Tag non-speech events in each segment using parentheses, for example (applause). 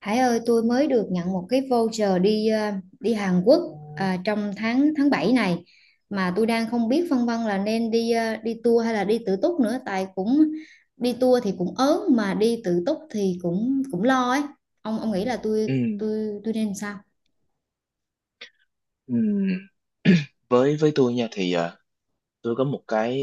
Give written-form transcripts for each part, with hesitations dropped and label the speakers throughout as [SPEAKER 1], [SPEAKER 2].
[SPEAKER 1] Hải ơi, tôi mới được nhận một cái voucher đi đi Hàn Quốc à, trong tháng tháng 7 này mà tôi đang không biết phân vân là nên đi đi tour hay là đi tự túc nữa tại cũng đi tour thì cũng ớn mà đi tự túc thì cũng cũng lo ấy. Ông nghĩ là tôi
[SPEAKER 2] Ừ,
[SPEAKER 1] tôi tôi nên sao?
[SPEAKER 2] ừ. Với tôi nha thì tôi có một cái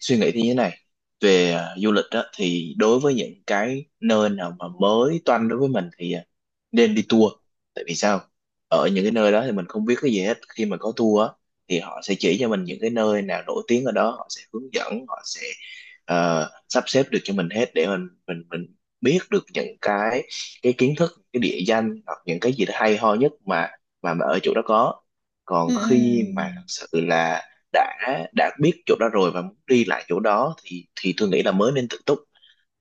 [SPEAKER 2] suy nghĩ như thế này về du lịch đó, thì đối với những cái nơi nào mà mới toanh đối với mình thì nên đi tour. Tại vì sao? Ở những cái nơi đó thì mình không biết cái gì hết. Khi mà có tour á, thì họ sẽ chỉ cho mình những cái nơi nào nổi tiếng ở đó, họ sẽ hướng dẫn, họ sẽ sắp xếp được cho mình hết để mình biết được những cái kiến thức, cái địa danh, hoặc những cái gì đó hay ho nhất mà mà ở chỗ đó có.
[SPEAKER 1] Ừ,
[SPEAKER 2] Còn khi mà
[SPEAKER 1] ừ.
[SPEAKER 2] thật sự là đã đã biết chỗ đó rồi và muốn đi lại chỗ đó thì tôi nghĩ là mới nên tự túc.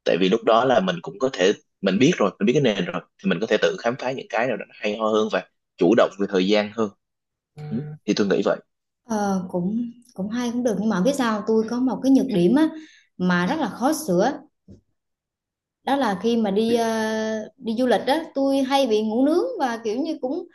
[SPEAKER 2] Tại vì lúc đó là mình cũng có thể, mình biết rồi, mình biết cái nền rồi thì mình có thể tự khám phá những cái nào đó nó hay ho hơn và chủ động về thời gian hơn. Ừ, thì tôi nghĩ vậy.
[SPEAKER 1] Ờ, cũng cũng hay cũng được nhưng mà biết sao không? Tôi có một cái nhược điểm á mà rất là khó sửa, đó là khi mà đi đi du lịch á tôi hay bị ngủ nướng và kiểu như cũng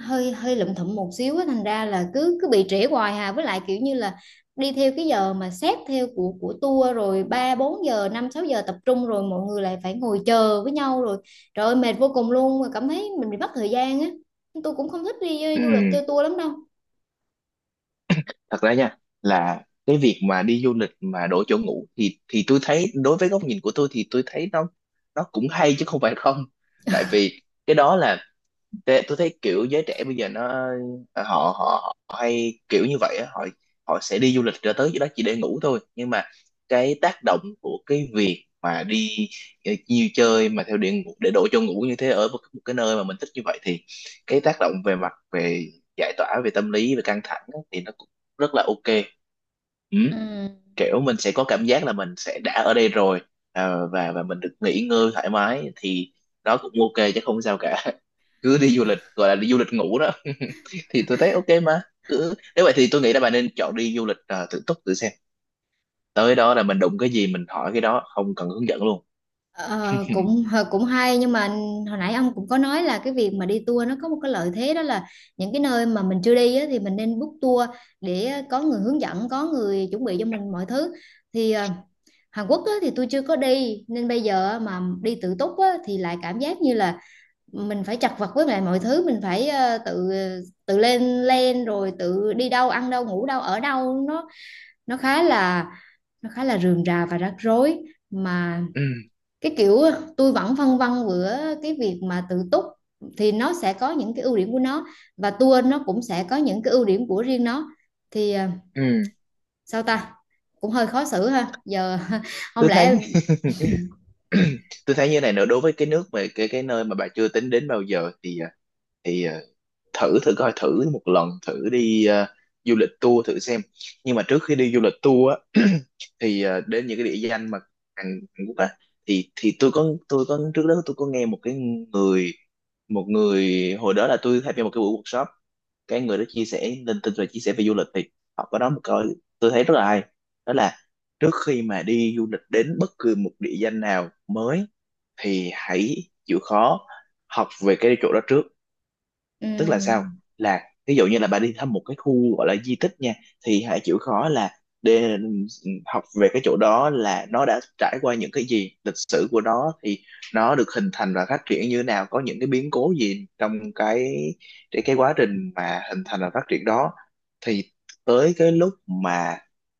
[SPEAKER 1] hơi hơi lụm thụm một xíu á, thành ra là cứ cứ bị trễ hoài hà, với lại kiểu như là đi theo cái giờ mà xét theo của tour rồi 3 4 giờ 5 6 giờ tập trung rồi mọi người lại phải ngồi chờ với nhau rồi trời ơi mệt vô cùng luôn mà cảm thấy mình bị mất thời gian á, tôi cũng không thích đi
[SPEAKER 2] Ừ,
[SPEAKER 1] du lịch theo tour lắm đâu.
[SPEAKER 2] thật ra nha, là cái việc mà đi du lịch mà đổi chỗ ngủ thì tôi thấy, đối với góc nhìn của tôi thì tôi thấy nó cũng hay chứ không phải không. Tại vì cái đó là, thế tôi thấy kiểu giới trẻ bây giờ nó ờ, họ họ, họ hay kiểu như vậy á, họ họ sẽ đi du lịch ra tới chỗ đó chỉ để ngủ thôi, nhưng mà cái tác động của cái việc mà đi nhiều chơi mà theo điện ngủ để đổ cho ngủ như thế ở một cái nơi mà mình thích như vậy thì cái tác động về mặt về giải tỏa về tâm lý, về căng thẳng á, thì nó cũng rất là ok. Ừ,
[SPEAKER 1] Ừ.
[SPEAKER 2] kiểu mình sẽ có cảm giác là mình sẽ đã ở đây rồi, và mình được nghỉ ngơi thoải mái, thì đó cũng ok chứ không sao cả. (laughs) Cứ đi du lịch gọi là đi du lịch ngủ đó. (laughs) Thì tôi thấy ok mà. Cứ, nếu vậy thì tôi nghĩ là bạn nên chọn đi du lịch tự túc, tự xem. Tới đó là mình đụng cái gì mình hỏi cái đó, không cần hướng dẫn luôn.
[SPEAKER 1] Ờ, cũng hay nhưng mà hồi nãy ông cũng có nói là cái việc mà đi tour nó có một cái lợi thế, đó là những cái nơi mà mình chưa đi á, thì mình nên book tour để có người hướng dẫn, có người chuẩn bị cho mình mọi thứ. Thì Hàn Quốc á, thì tôi chưa có đi nên bây giờ mà đi tự túc á, thì lại cảm giác như là mình phải chật vật với lại mọi thứ, mình phải tự tự lên lên rồi tự đi đâu ăn đâu ngủ đâu ở đâu, nó khá là nó khá là rườm rà và rắc rối mà.
[SPEAKER 2] Ừ,
[SPEAKER 1] Cái kiểu tôi vẫn phân vân giữa cái việc mà tự túc thì nó sẽ có những cái ưu điểm của nó, và tour nó cũng sẽ có những cái ưu điểm của riêng nó. Thì
[SPEAKER 2] ừ.
[SPEAKER 1] sao ta, cũng hơi khó xử ha giờ (laughs) không
[SPEAKER 2] Tôi thấy
[SPEAKER 1] lẽ
[SPEAKER 2] (clears throat) tôi thấy như này nữa, đối với cái nước về cái nơi mà bà chưa tính đến bao giờ thì thì ờ, thử thử coi, thử một lần, thử đi du lịch tour thử xem. Nhưng mà trước khi đi du lịch tour á, (clears throat) thì đến những cái địa danh mà Hàn Quốc á, thì tôi có trước đó tôi có nghe một cái người, một người, hồi đó là tôi tham gia một cái buổi workshop, cái người đó chia sẻ lên tin và chia sẻ về du lịch thì họ có nói một câu tôi thấy rất là hay. Đó là, trước khi mà đi du lịch đến bất cứ một địa danh nào mới thì hãy chịu khó học về cái chỗ đó trước. Tức là sao?
[SPEAKER 1] ừm,
[SPEAKER 2] Là ví dụ như là bà đi thăm một cái khu gọi là di tích nha, thì hãy chịu khó là để học về cái chỗ đó, là nó đã trải qua những cái gì, lịch sử của nó thì nó được hình thành và phát triển như thế nào, có những cái biến cố gì trong cái cái quá trình mà hình thành và phát triển đó. Thì tới cái lúc mà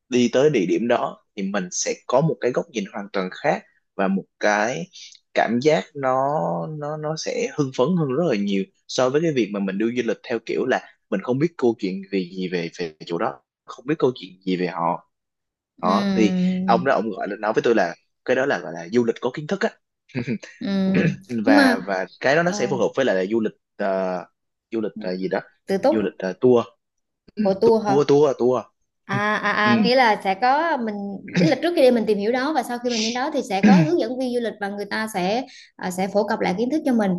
[SPEAKER 2] đi tới địa điểm đó thì mình sẽ có một cái góc nhìn hoàn toàn khác và một cái cảm giác nó nó sẽ hưng phấn hơn rất là nhiều so với cái việc mà mình đi du lịch theo kiểu là mình không biết câu chuyện gì gì về về chỗ đó, không biết câu chuyện gì về họ. Đó thì
[SPEAKER 1] ừm,
[SPEAKER 2] ông đó ông gọi là nói với tôi là cái đó là gọi là du lịch có kiến thức á.
[SPEAKER 1] ừm.
[SPEAKER 2] (laughs)
[SPEAKER 1] nhưng
[SPEAKER 2] Và
[SPEAKER 1] mà
[SPEAKER 2] cái đó nó sẽ
[SPEAKER 1] ờ,
[SPEAKER 2] phù hợp với lại là du lịch ờ, gì đó
[SPEAKER 1] tự
[SPEAKER 2] du lịch
[SPEAKER 1] túc
[SPEAKER 2] ờ, tour. Ừ,
[SPEAKER 1] của tour hả?
[SPEAKER 2] tour tour tour ừ.
[SPEAKER 1] À, à, à, nghĩa là sẽ có mình, nghĩa là trước khi đi mình tìm hiểu đó và sau khi mình đến đó thì sẽ có
[SPEAKER 2] (clears throat)
[SPEAKER 1] hướng dẫn viên du lịch và người ta sẽ sẽ phổ cập lại kiến thức cho mình.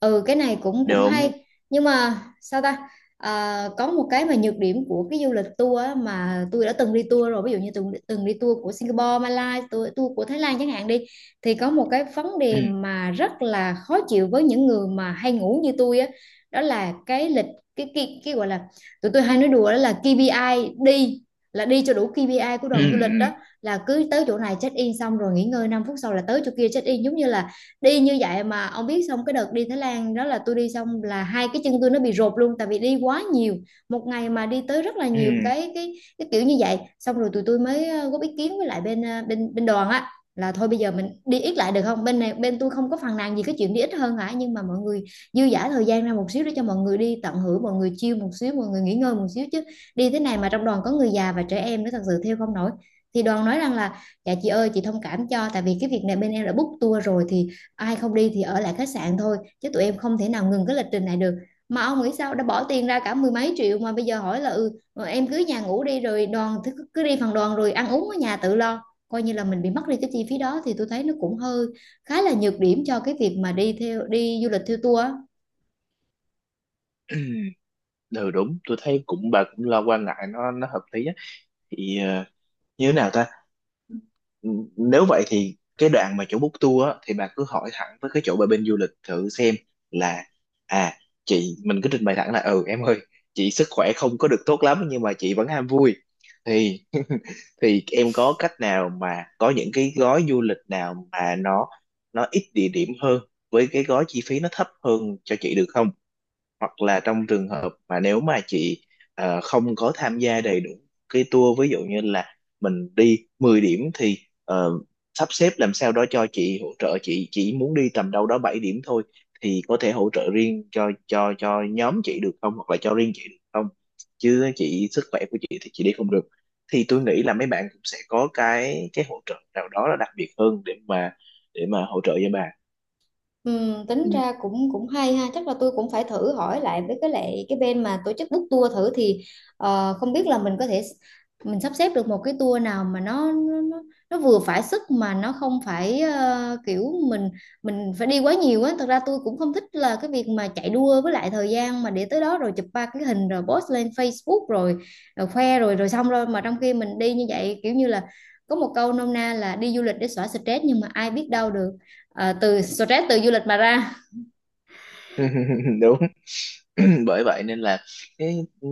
[SPEAKER 1] Ừ, cái này cũng cũng
[SPEAKER 2] Được.
[SPEAKER 1] hay. Nhưng mà sao ta? À, có một cái mà nhược điểm của cái du lịch tour á, mà tôi đã từng đi tour rồi, ví dụ như từng từng đi tour của Singapore, Malaysia, tour của Thái Lan chẳng hạn đi, thì có một cái vấn
[SPEAKER 2] Ừ,
[SPEAKER 1] đề mà rất là khó chịu với những người mà hay ngủ như tôi á, đó là cái lịch, cái gọi là tụi tôi hay nói đùa đó là KPI đi, là đi cho đủ KPI của
[SPEAKER 2] ừ,
[SPEAKER 1] đoàn du lịch
[SPEAKER 2] ừ,
[SPEAKER 1] đó, là cứ tới chỗ này check in xong rồi nghỉ ngơi 5 phút sau là tới chỗ kia check in, giống như là đi như vậy. Mà ông biết xong cái đợt đi Thái Lan đó là tôi đi xong là hai cái chân tôi nó bị rột luôn tại vì đi quá nhiều, một ngày mà đi tới rất là
[SPEAKER 2] ừ,
[SPEAKER 1] nhiều cái cái kiểu như vậy. Xong rồi tụi tôi mới góp ý kiến với lại bên ờ, bên bên đoàn á, là thôi bây giờ mình đi ít lại được không, bên này bên tôi không có phàn nàn gì cái chuyện đi ít hơn hả, nhưng mà mọi người dư dả thời gian ra một xíu để cho mọi người đi tận hưởng, mọi người chill một xíu, mọi người nghỉ ngơi một xíu chứ đi thế này mà trong đoàn có người già và trẻ em nữa thật sự theo không nổi. Thì đoàn nói rằng là dạ chị ơi chị thông cảm cho tại vì cái việc này bên em đã book tour rồi thì ai không đi thì ở lại khách sạn thôi chứ tụi em không thể nào ngừng cái lịch trình này được. Mà ông nghĩ sao đã bỏ tiền ra cả mười mấy triệu mà bây giờ hỏi là ừ em cứ nhà ngủ đi rồi đoàn cứ cứ đi phần đoàn rồi ăn uống ở nhà tự lo, coi như là mình bị mất đi cái chi phí đó thì tôi thấy nó cũng hơi khá là nhược điểm cho cái việc mà đi theo đi du lịch theo tour á.
[SPEAKER 2] ừ, đúng, tôi thấy cũng, bà cũng lo, quan ngại nó hợp lý á. Thì như thế nào ta? Ừ, nếu vậy thì cái đoạn mà chỗ book tour á thì bà cứ hỏi thẳng với cái chỗ bà bên du lịch thử xem là, à, chị mình cứ trình bày thẳng là, ừ em ơi, chị sức khỏe không có được tốt lắm nhưng mà chị vẫn ham vui, thì em có cách nào mà có những cái gói du lịch nào mà nó ít địa điểm hơn, với cái gói chi phí nó thấp hơn cho chị được không? Hoặc là trong trường hợp mà nếu mà chị không có tham gia đầy đủ cái tour, ví dụ như là mình đi 10 điểm thì ờ, sắp xếp làm sao đó cho chị, hỗ trợ chị chỉ muốn đi tầm đâu đó 7 điểm thôi, thì có thể hỗ trợ riêng cho cho nhóm chị được không, hoặc là cho riêng chị được không? Chứ chị, sức khỏe của chị thì chị đi không được. Thì tôi nghĩ là mấy bạn cũng sẽ có cái hỗ trợ nào đó là đặc biệt hơn để mà hỗ trợ cho bà.
[SPEAKER 1] Ừ, tính
[SPEAKER 2] Ừ.
[SPEAKER 1] ra cũng cũng hay ha, chắc là tôi cũng phải thử hỏi lại với cái lại cái bên mà tổ chức book tour thử thì không biết là mình có thể mình sắp xếp được một cái tour nào mà nó vừa phải sức mà nó không phải kiểu mình phải đi quá nhiều á. Thật ra tôi cũng không thích là cái việc mà chạy đua với lại thời gian mà để tới đó rồi chụp ba cái hình rồi post lên Facebook rồi, rồi khoe rồi rồi xong rồi, mà trong khi mình đi như vậy kiểu như là có một câu nôm na là đi du lịch để xóa stress nhưng mà ai biết đâu được. À, từ stress từ du lịch mà ra.
[SPEAKER 2] (laughs) Đúng. (clears throat) Bởi vậy nên là cái, ừ,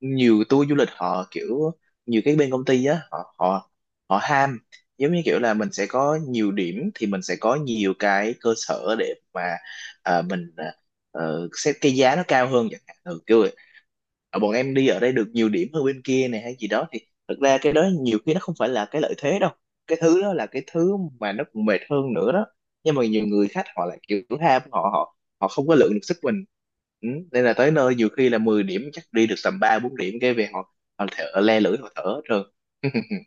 [SPEAKER 2] nhiều tour du lịch họ kiểu, nhiều cái bên công ty á, họ họ họ ham, giống như kiểu là mình sẽ có nhiều điểm thì mình sẽ có nhiều cái cơ sở để mà à, mình à, xét cái giá nó cao hơn chẳng hạn. Ừ, kiểu, ờ, bọn em đi ở đây được nhiều điểm hơn bên kia này hay gì đó, thì thật ra cái đó nhiều khi nó không phải là cái lợi thế đâu, cái thứ đó là cái thứ mà nó còn mệt hơn nữa đó. Nhưng mà nhiều người khách họ lại kiểu ham, họ họ họ không có lượng được sức mình. Ừ, nên là tới nơi nhiều khi là 10 điểm chắc đi được tầm ba bốn điểm cái về họ họ thở le lưỡi, họ thở hết trơn. (laughs)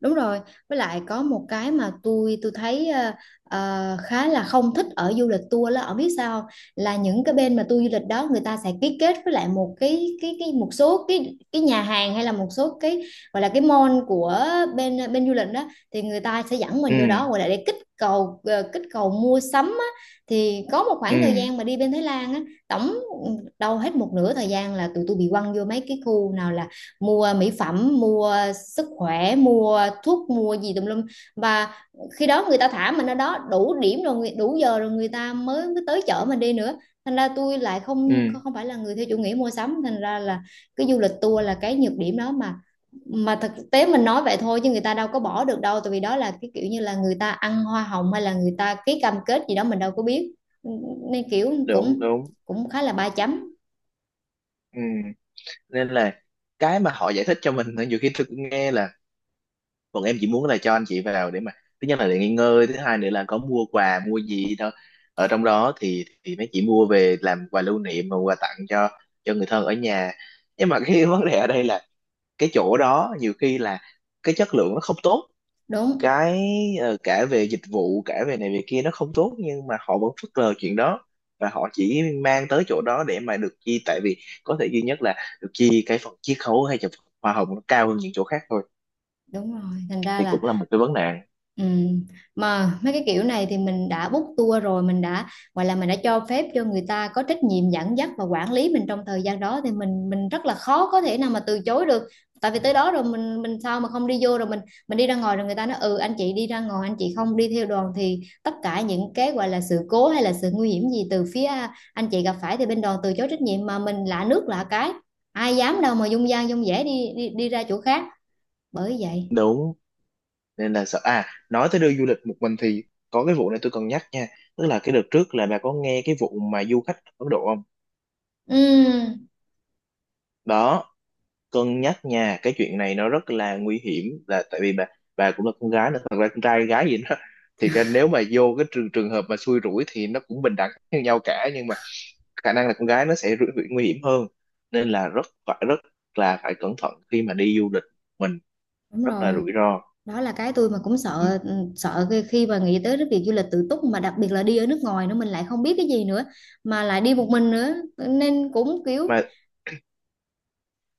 [SPEAKER 1] Đúng rồi, với lại có một cái mà tôi thấy khá là không thích ở du lịch tour là, ở biết sao không? Là những cái bên mà tour du lịch đó người ta sẽ ký kết với lại một cái một số cái nhà hàng hay là một số cái gọi là cái mall của bên bên du lịch đó, thì người ta sẽ dẫn
[SPEAKER 2] Ừ,
[SPEAKER 1] mình vô đó gọi là để kích cầu kích cầu mua sắm á. Thì có một khoảng thời
[SPEAKER 2] ừ,
[SPEAKER 1] gian mà đi bên Thái Lan á tổng ừ, đâu hết một nửa thời gian là tụi tôi bị quăng vô mấy cái khu nào là mua mỹ phẩm mua sức khỏe mua thuốc mua gì tùm lum, và khi đó người ta thả mình ở đó đủ điểm rồi đủ giờ rồi người ta mới mới tới chở mình đi nữa. Thành ra tôi lại không
[SPEAKER 2] ừ,
[SPEAKER 1] không phải là người theo chủ nghĩa mua sắm, thành ra là cái du lịch tour là cái nhược điểm đó mà. Mà thực tế mình nói vậy thôi chứ người ta đâu có bỏ được đâu, tại vì đó là cái kiểu như là người ta ăn hoa hồng hay là người ta ký cam kết gì đó mình đâu có biết, nên kiểu
[SPEAKER 2] đúng,
[SPEAKER 1] cũng
[SPEAKER 2] đúng.
[SPEAKER 1] cũng khá là ba chấm.
[SPEAKER 2] Ừ, nên là cái mà họ giải thích cho mình nhiều khi tôi cũng nghe là, còn em chỉ muốn là cho anh chị vào để mà, thứ nhất là để nghỉ ngơi, thứ hai nữa là có mua quà mua gì đó ở trong đó thì mấy chị mua về làm quà lưu niệm và quà tặng cho người thân ở nhà. Nhưng mà cái (laughs) vấn đề ở đây là cái chỗ đó nhiều khi là cái chất lượng nó không tốt,
[SPEAKER 1] Đúng
[SPEAKER 2] cái cả về dịch vụ, cả về này về kia nó không tốt, nhưng mà họ vẫn phớt lờ chuyện đó, và họ chỉ mang tới chỗ đó để mà được chi. Tại vì có thể duy nhất là được chi cái phần chiết khấu hay là phần hoa hồng nó cao hơn những chỗ khác thôi.
[SPEAKER 1] đúng rồi, thành ra
[SPEAKER 2] Thì
[SPEAKER 1] là.
[SPEAKER 2] cũng là một cái vấn nạn.
[SPEAKER 1] Ừ. Mà mấy cái kiểu này thì mình đã book tour rồi, mình đã gọi là mình đã cho phép cho người ta có trách nhiệm dẫn dắt và quản lý mình trong thời gian đó thì mình rất là khó có thể nào mà từ chối được. Tại vì tới đó rồi mình sao mà không đi vô rồi mình đi ra ngoài rồi người ta nói ừ anh chị đi ra ngoài anh chị không đi theo đoàn thì tất cả những cái gọi là sự cố hay là sự nguy hiểm gì từ phía anh chị gặp phải thì bên đoàn từ chối trách nhiệm, mà mình lạ nước lạ cái ai dám đâu mà dung dang dung dẻ đi đi, đi ra chỗ khác. Bởi vậy.
[SPEAKER 2] Đúng. Nên là sợ. À, nói tới đưa du lịch một mình thì có cái vụ này tôi cần nhắc nha, tức là cái đợt trước là bà có nghe cái vụ mà du khách Ấn Độ không?
[SPEAKER 1] Ừ
[SPEAKER 2] Đó, cân nhắc nha, cái chuyện này nó rất là nguy hiểm. Là tại vì bà cũng là con gái nữa, thật ra con trai gái gì đó (laughs) thì cái, nếu mà vô cái trường trường hợp mà xui rủi thì nó cũng bình đẳng như nhau cả, nhưng mà khả năng là con gái nó sẽ rủi, rủi, nguy hiểm hơn. Nên là rất phải, rất là phải cẩn thận khi mà đi du lịch. Mình
[SPEAKER 1] đúng
[SPEAKER 2] rất là
[SPEAKER 1] rồi,
[SPEAKER 2] rủi ro.
[SPEAKER 1] đó là cái tôi mà cũng
[SPEAKER 2] Ừ.
[SPEAKER 1] sợ, ừ, sợ khi khi mà nghĩ tới cái việc du lịch tự túc mà đặc biệt là đi ở nước ngoài nữa mình lại không biết cái gì nữa mà lại đi một mình nữa nên cũng kiểu.
[SPEAKER 2] Mà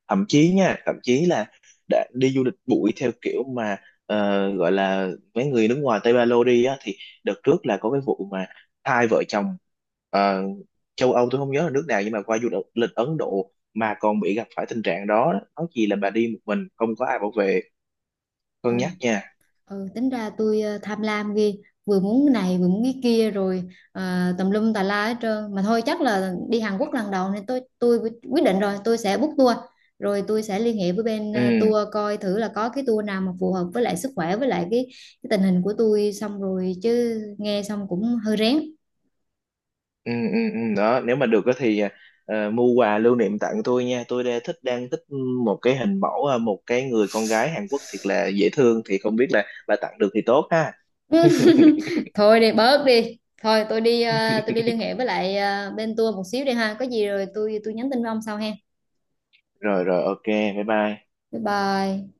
[SPEAKER 2] thậm chí nha, thậm chí là đã đi du lịch bụi theo kiểu mà gọi là mấy người nước ngoài Tây Ba Lô đi á, thì đợt trước là có cái vụ mà hai vợ chồng ờ, châu Âu, tôi không nhớ là nước nào, nhưng mà qua du lịch Ấn Độ mà còn bị gặp phải tình trạng đó. Nói chi là bà đi một mình không có ai bảo vệ.
[SPEAKER 1] Ừ,
[SPEAKER 2] Cân nhắc nha.
[SPEAKER 1] ừ tính ra tôi tham lam ghê, vừa muốn cái này vừa muốn cái kia rồi tùm lum tà la hết trơn. Mà thôi chắc là đi Hàn Quốc lần đầu nên tôi quyết định rồi tôi sẽ book tour, rồi tôi sẽ liên hệ với bên
[SPEAKER 2] Ừ,
[SPEAKER 1] tour coi thử là có cái tour nào mà phù hợp với lại sức khỏe với lại cái tình hình của tôi. Xong rồi chứ nghe xong cũng hơi rén.
[SPEAKER 2] ừ, ừ, ừ, đó nếu mà được á thì mua quà lưu niệm tặng tôi nha. Tôi đang thích một cái hình mẫu, một cái người con gái Hàn Quốc thiệt là dễ thương, thì không biết là bà tặng được thì tốt ha. (laughs)
[SPEAKER 1] (laughs) Thôi đi bớt đi, thôi tôi đi tôi đi liên hệ với lại bên tour một xíu đi ha, có gì rồi tôi nhắn tin với ông sau ha.
[SPEAKER 2] Rồi rồi, ok, bye bye.
[SPEAKER 1] Bye bye.